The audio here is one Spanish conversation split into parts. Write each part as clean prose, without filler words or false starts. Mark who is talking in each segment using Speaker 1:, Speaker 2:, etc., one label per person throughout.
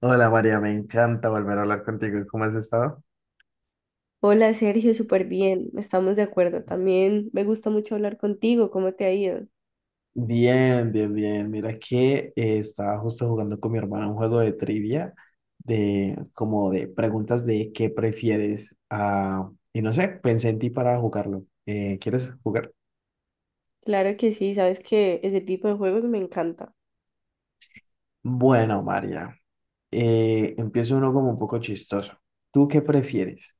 Speaker 1: Hola María, me encanta volver a hablar contigo. ¿Cómo has estado?
Speaker 2: Hola Sergio, súper bien, estamos de acuerdo. También me gusta mucho hablar contigo, ¿cómo te ha ido?
Speaker 1: Bien, bien, bien. Mira que estaba justo jugando con mi hermana un juego de trivia de como de preguntas de qué prefieres. Ah, y no sé, pensé en ti para jugarlo. ¿Quieres jugar?
Speaker 2: Claro que sí, sabes que ese tipo de juegos me encanta.
Speaker 1: Bueno, María, empiezo uno como un poco chistoso. ¿Tú qué prefieres?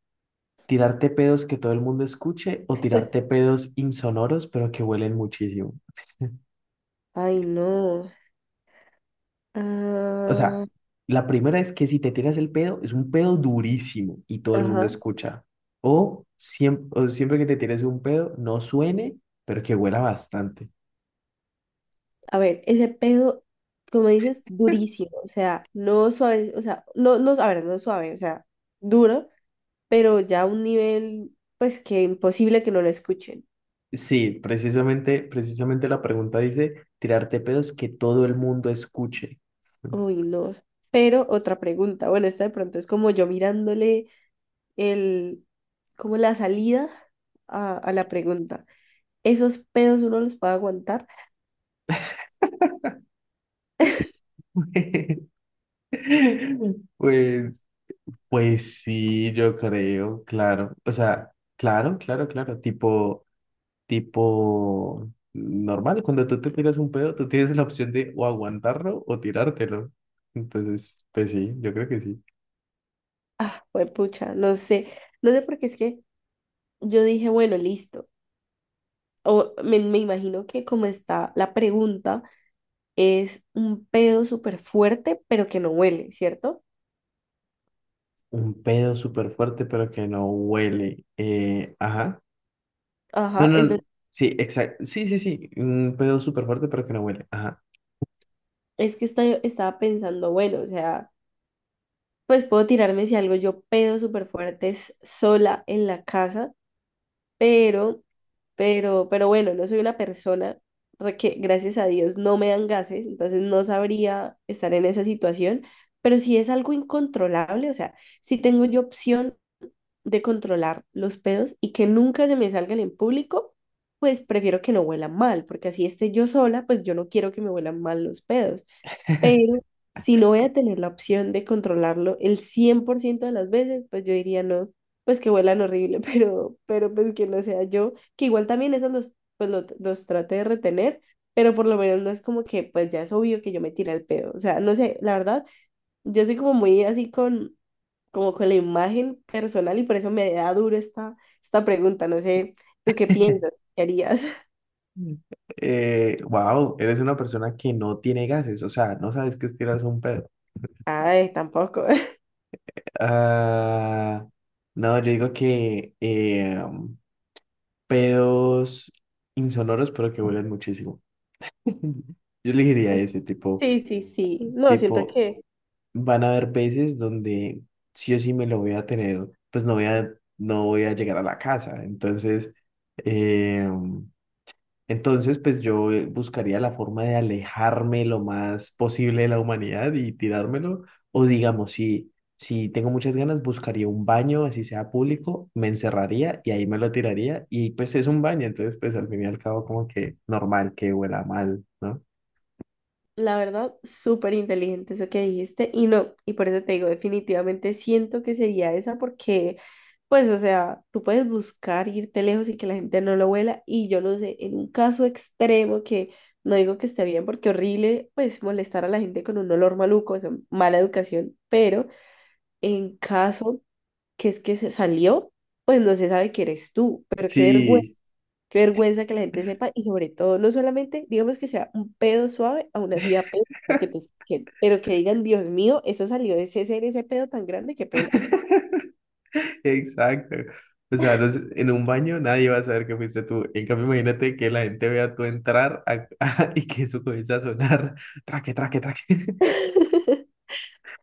Speaker 1: ¿Tirarte pedos que todo el mundo escuche o tirarte pedos insonoros pero que huelen muchísimo?
Speaker 2: Ay, no.
Speaker 1: O sea,
Speaker 2: Ah,
Speaker 1: la primera es que si te tiras el pedo, es un pedo durísimo y todo el mundo
Speaker 2: ajá.
Speaker 1: escucha. O siempre que te tires un pedo, no suene, pero que huela bastante.
Speaker 2: A ver, ese pedo, como dices, durísimo, o sea, no suave, o sea, no, no, a ver, no suave, o sea, duro, pero ya a un nivel, pues que imposible que no lo escuchen.
Speaker 1: Sí, precisamente, precisamente la pregunta dice, tirarte pedos que todo el mundo escuche.
Speaker 2: Uy, no. Pero otra pregunta, bueno, esta de pronto es como yo mirándole. El, como la salida a la pregunta. Esos pedos uno los puede aguantar.
Speaker 1: Pues, pues sí, yo creo, claro. O sea, claro, claro, claro. Tipo, tipo normal, cuando tú te tiras un pedo, tú tienes la opción de o aguantarlo o tirártelo. Entonces, pues sí, yo creo que sí.
Speaker 2: Ah, pues pucha, no sé. No sé porque es que yo dije, bueno, listo. O me imagino que como está la pregunta, es un pedo súper fuerte, pero que no huele, ¿cierto?
Speaker 1: Un pedo súper fuerte, pero que no huele. Ajá. No,
Speaker 2: Ajá,
Speaker 1: no, no.
Speaker 2: entonces
Speaker 1: Sí, exacto. Sí, sí, sí. Un pedo súper fuerte, pero que no huele. Ajá.
Speaker 2: es que estaba pensando, bueno, o sea, pues puedo tirarme si algo yo pedo súper fuerte es sola en la casa pero, pero bueno, no soy una persona que gracias a Dios no me dan gases, entonces no sabría estar en esa situación, pero si es algo incontrolable, o sea, si tengo yo opción de controlar los pedos y que nunca se me salgan en público, pues prefiero que no huelan mal, porque así esté yo sola, pues yo no quiero que me huelan mal los pedos. Pero si no voy a tener la opción de controlarlo el 100% de las veces, pues yo diría no, pues que huelan horrible, pero, pues que no sea yo, que igual también esos los, pues los, trate de retener, pero por lo menos no es como que pues ya es obvio que yo me tire el pedo, o sea, no sé, la verdad, yo soy como muy así con, como con la imagen personal y por eso me da duro esta pregunta, no sé, ¿tú qué piensas? ¿Qué harías?
Speaker 1: Mm. Wow, eres una persona que no tiene gases, o sea, no sabes qué es tirarse un pedo.
Speaker 2: Ay, tampoco.
Speaker 1: Ah, no, yo digo que, pedos insonoros, pero que huelen muchísimo. Yo elegiría ese tipo,
Speaker 2: Sí, sí, sí, no, siento
Speaker 1: tipo,
Speaker 2: que...
Speaker 1: van a haber veces donde sí o sí me lo voy a tener, pues no voy a, no voy a llegar a la casa. Entonces, em, entonces, pues yo buscaría la forma de alejarme lo más posible de la humanidad y tirármelo. O digamos, si, si tengo muchas ganas, buscaría un baño, así sea público, me encerraría y ahí me lo tiraría. Y pues es un baño, entonces pues al fin y al cabo como que normal que huela mal, ¿no?
Speaker 2: La verdad, súper inteligente eso que dijiste y no, y por eso te digo, definitivamente siento que sería esa porque, pues, o sea, tú puedes buscar irte lejos y que la gente no lo huela y yo no sé, en un caso extremo que no digo que esté bien porque horrible, pues, molestar a la gente con un olor maluco, eso, mala educación, pero en caso que es que se salió, pues no se sabe que eres tú, pero qué vergüenza.
Speaker 1: Sí,
Speaker 2: Qué vergüenza que la gente sepa y sobre todo, no solamente, digamos que sea un pedo suave, aún así da pena que te escuchen, pero que digan, Dios mío, eso salió de ese ser, ese pedo tan grande, qué pena.
Speaker 1: exacto. O sea, no sé, en un baño nadie va a saber que fuiste tú. En cambio, imagínate que la gente vea tú entrar a- y que eso comienza a sonar. Traque, traque, traque.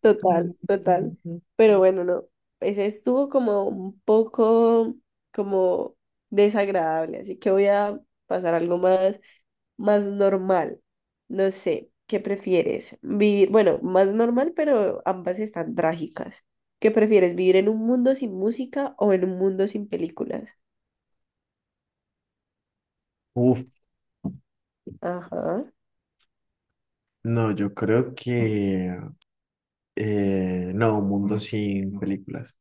Speaker 2: Total,
Speaker 1: Ujú.
Speaker 2: total. Pero bueno, no, ese estuvo como un poco como desagradable, así que voy a pasar algo más, más normal. No sé, ¿qué prefieres? Vivir, bueno, más normal, pero ambas están trágicas. ¿Qué prefieres? ¿Vivir en un mundo sin música o en un mundo sin películas?
Speaker 1: Uf,
Speaker 2: Ajá.
Speaker 1: no, yo creo que no, un mundo sin películas.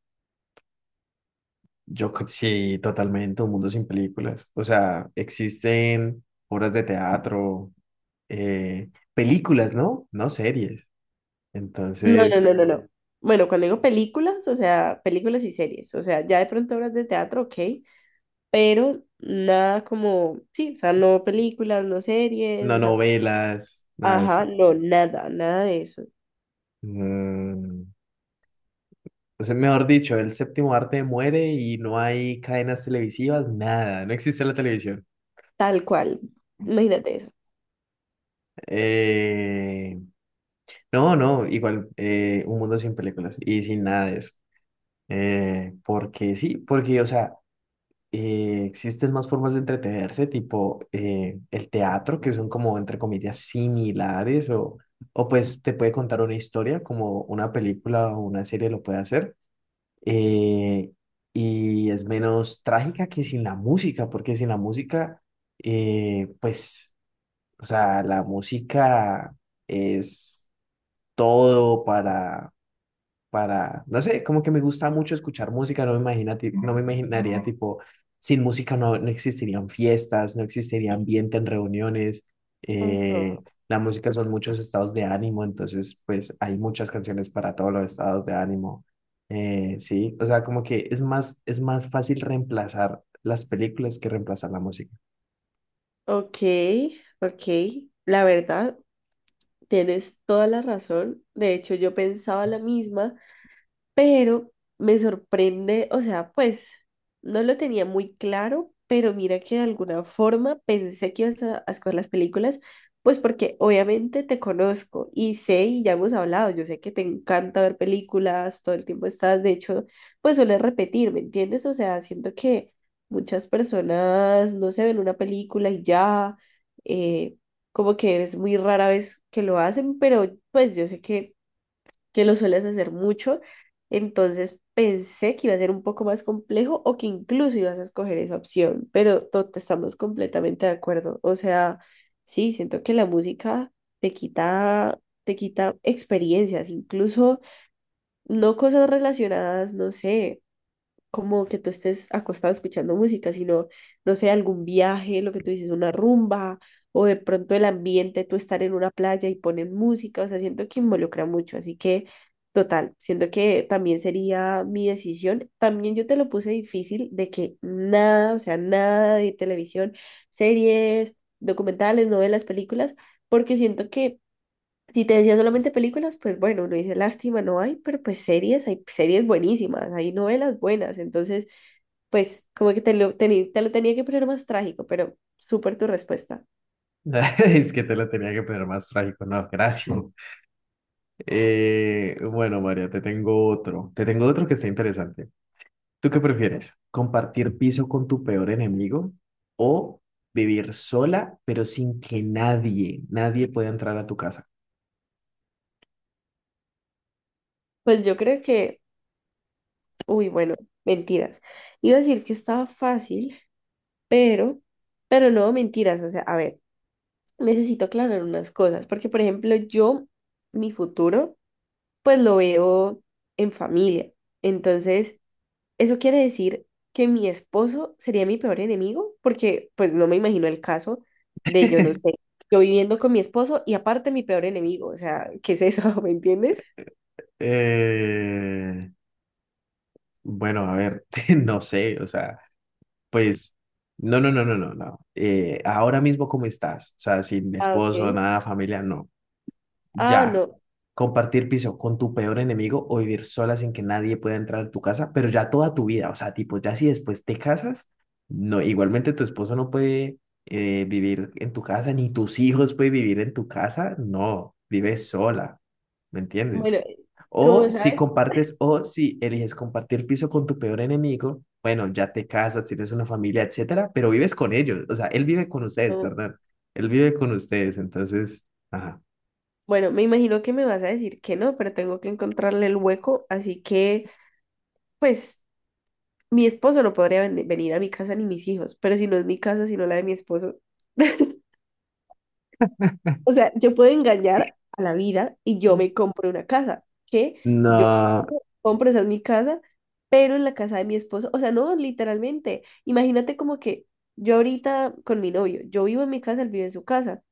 Speaker 1: Yo cre- sí, totalmente, un mundo sin películas. O sea, existen obras de teatro, eh, películas, ¿no? No series.
Speaker 2: No, no,
Speaker 1: Entonces,
Speaker 2: no, no, no. Bueno, cuando digo películas, o sea, películas y series, o sea, ya de pronto obras de teatro, ok, pero nada como, sí, o sea, no películas, no series,
Speaker 1: no
Speaker 2: o sea,
Speaker 1: novelas, nada de
Speaker 2: ajá,
Speaker 1: eso.
Speaker 2: no, nada, nada de eso,
Speaker 1: Mm, o sea, mejor dicho, el séptimo arte muere y no hay cadenas televisivas, nada, no existe la televisión.
Speaker 2: tal cual, imagínate eso.
Speaker 1: Eh, No, no, igual un mundo sin películas y sin nada de eso. Porque sí, porque, o sea, existen más formas de entretenerse, tipo el teatro, que son como, entre comillas, similares, o pues te puede contar una historia, como una película o una serie lo puede hacer. eh, y es menos trágica que sin la música, porque sin la música, pues, o sea, la música es todo para, no sé, como que me gusta mucho escuchar música, no me imagina, ti- no me imaginaría tipo, sin música no, no existirían fiestas, no existiría ambiente en reuniones,
Speaker 2: Ajá.
Speaker 1: eh, la música son muchos estados de ánimo, entonces pues hay muchas canciones para todos los estados de ánimo, sí, o sea, como que es más fácil reemplazar las películas que reemplazar la música.
Speaker 2: Ok, ok, la verdad, tienes toda la razón. De hecho, yo pensaba la misma pero me sorprende, o sea, pues no lo tenía muy claro, pero mira que de alguna forma pensé que ibas a escoger las películas, pues porque obviamente te conozco y sé y ya hemos hablado, yo sé que te encanta ver películas, todo el tiempo estás, de hecho, pues sueles repetir, ¿me entiendes? O sea, siento que muchas personas no se ven una película y ya, eh, como que es muy rara vez que lo hacen, pero pues yo sé que lo sueles hacer mucho, entonces pensé que iba a ser un poco más complejo o que incluso ibas a escoger esa opción, pero estamos completamente de acuerdo. O sea, sí, siento que la música te quita experiencias, incluso no cosas relacionadas, no sé como que tú estés acostado escuchando música, sino, no sé, algún viaje, lo que tú dices, una rumba, o de pronto el ambiente, tú estar en una playa y ponen música, o sea, siento que involucra mucho, así que, total, siento que también sería mi decisión. También yo te lo puse difícil de que nada, o sea, nada de televisión, series, documentales, novelas, películas, porque siento que... Si te decía solamente películas, pues bueno, uno dice lástima, no hay, pero pues series, hay series buenísimas, hay novelas buenas, entonces pues como que te lo, te lo tenía que poner más trágico, pero súper tu respuesta.
Speaker 1: Es que te lo tenía que poner más trágico, no, gracias. Bueno, María, te tengo otro que está interesante. ¿Tú qué prefieres? ¿Compartir piso con tu peor enemigo o vivir sola, pero sin que nadie, nadie pueda entrar a tu casa?
Speaker 2: Pues yo creo que, uy, bueno, mentiras. Iba a decir que estaba fácil, pero, no, mentiras. O sea, a ver, necesito aclarar unas cosas, porque por ejemplo, yo, mi futuro, pues lo veo en familia. Entonces, eso quiere decir que mi esposo sería mi peor enemigo, porque pues no me imagino el caso de yo no sé, yo viviendo con mi esposo y aparte mi peor enemigo, o sea, ¿qué es eso? ¿Me entiendes?
Speaker 1: Eh, bueno, a ver, no sé, o sea, pues, no, no, no, no, no, no. Ahora mismo, ¿cómo estás? O sea, sin
Speaker 2: Ah, ok.
Speaker 1: esposo, nada, familia, no.
Speaker 2: Ah,
Speaker 1: Ya,
Speaker 2: no.
Speaker 1: compartir piso con tu peor enemigo o vivir sola sin que nadie pueda entrar a tu casa, pero ya toda tu vida, o sea, tipo, ya si después te casas, no, igualmente tu esposo no puede vivir en tu casa, ni tus hijos pueden vivir en tu casa, no, vives sola, ¿me entiendes?
Speaker 2: Bueno, como
Speaker 1: O si
Speaker 2: sabes?
Speaker 1: compartes, o si eliges compartir piso con tu peor enemigo, bueno, ya te casas, tienes una familia, etcétera, pero vives con ellos, o sea, él vive con ustedes,
Speaker 2: No.
Speaker 1: perdón, él vive con ustedes, entonces, ajá.
Speaker 2: Bueno, me imagino que me vas a decir que no, pero tengo que encontrarle el hueco, así que pues mi esposo no podría venir a mi casa ni mis hijos, pero si no es mi casa, sino la de mi esposo. O sea, yo puedo engañar a la vida y yo me compro una casa, que yo
Speaker 1: No.
Speaker 2: finjo, compro, esa es mi casa, pero en la casa de mi esposo, o sea, no, literalmente, imagínate como que yo ahorita con mi novio, yo vivo en mi casa, él vive en su casa,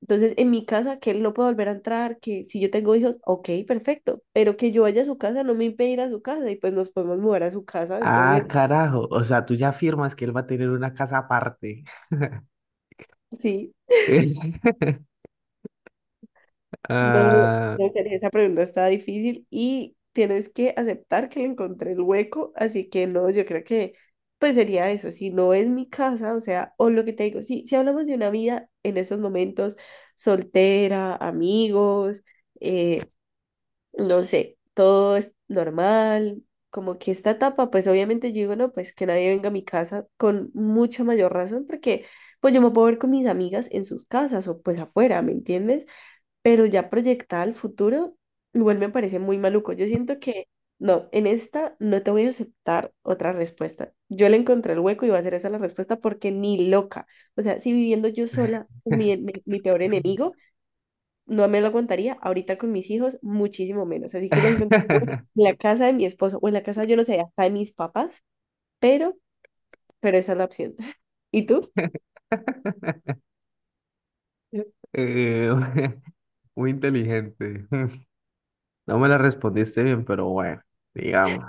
Speaker 2: entonces en mi casa que él no puede volver a entrar, que si yo tengo hijos, ok, perfecto, pero que yo vaya a su casa no me impide ir a su casa y pues nos podemos mudar a su casa, entonces,
Speaker 1: Ah, carajo. O sea, tú ya afirmas que él va a tener una casa aparte.
Speaker 2: sí. No,
Speaker 1: Ah,
Speaker 2: no sería. Esa pregunta está difícil y tienes que aceptar que le encontré el hueco, así que no, yo creo que pues sería eso, si no es mi casa, o sea, o lo que te digo, si hablamos de una vida en esos momentos, soltera, amigos, eh, no sé, todo es normal, como que esta etapa, pues obviamente yo digo, no, pues que nadie venga a mi casa con mucha mayor razón, porque pues yo me puedo ver con mis amigas en sus casas o pues afuera, ¿me entiendes? Pero ya proyectada al futuro, igual me parece muy maluco. Yo siento que no, en esta no te voy a aceptar otra respuesta. Yo le encontré el hueco y va a ser esa la respuesta porque ni loca. O sea, si viviendo yo sola, mi peor enemigo, no me lo aguantaría ahorita con mis hijos, muchísimo menos. Así que le encontré el hueco en la casa de mi esposo o en la casa, yo no sé, hasta de mis papás, pero, esa es la opción. ¿Y tú?
Speaker 1: eh, muy inteligente. No me la respondiste bien, pero bueno, digamos.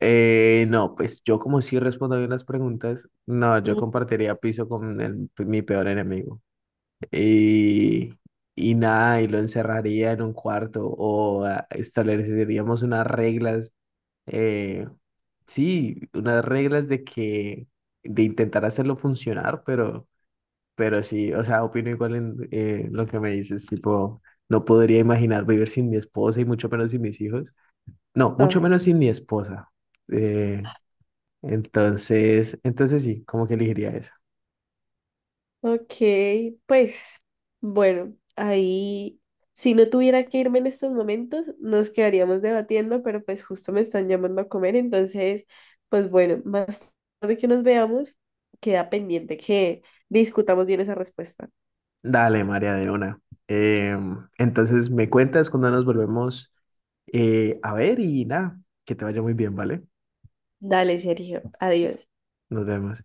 Speaker 1: No, pues yo como sí respondo bien las preguntas, no, yo
Speaker 2: Mm,
Speaker 1: compartiría piso con el- mi peor enemigo. Y, y nada, y lo encerraría en un cuarto o ah, estableceríamos unas reglas eh, sí, unas reglas de que, de intentar hacerlo funcionar, pero sí, o sea, opino igual en lo que me dices, tipo, no podría imaginar vivir sin mi esposa y mucho menos sin mis hijos. No, mucho menos sin mi esposa. Eh, entonces, entonces sí, como que elegiría eso.
Speaker 2: ok, pues bueno, ahí si no tuviera que irme en estos momentos, nos quedaríamos debatiendo, pero pues justo me están llamando a comer, entonces, pues bueno, más tarde que nos veamos, queda pendiente que discutamos bien esa respuesta.
Speaker 1: Dale, María de una. Entonces me cuentas cuando nos volvemos a ver y nada, que te vaya muy bien, ¿vale?
Speaker 2: Dale, Sergio, adiós.
Speaker 1: Nos vemos.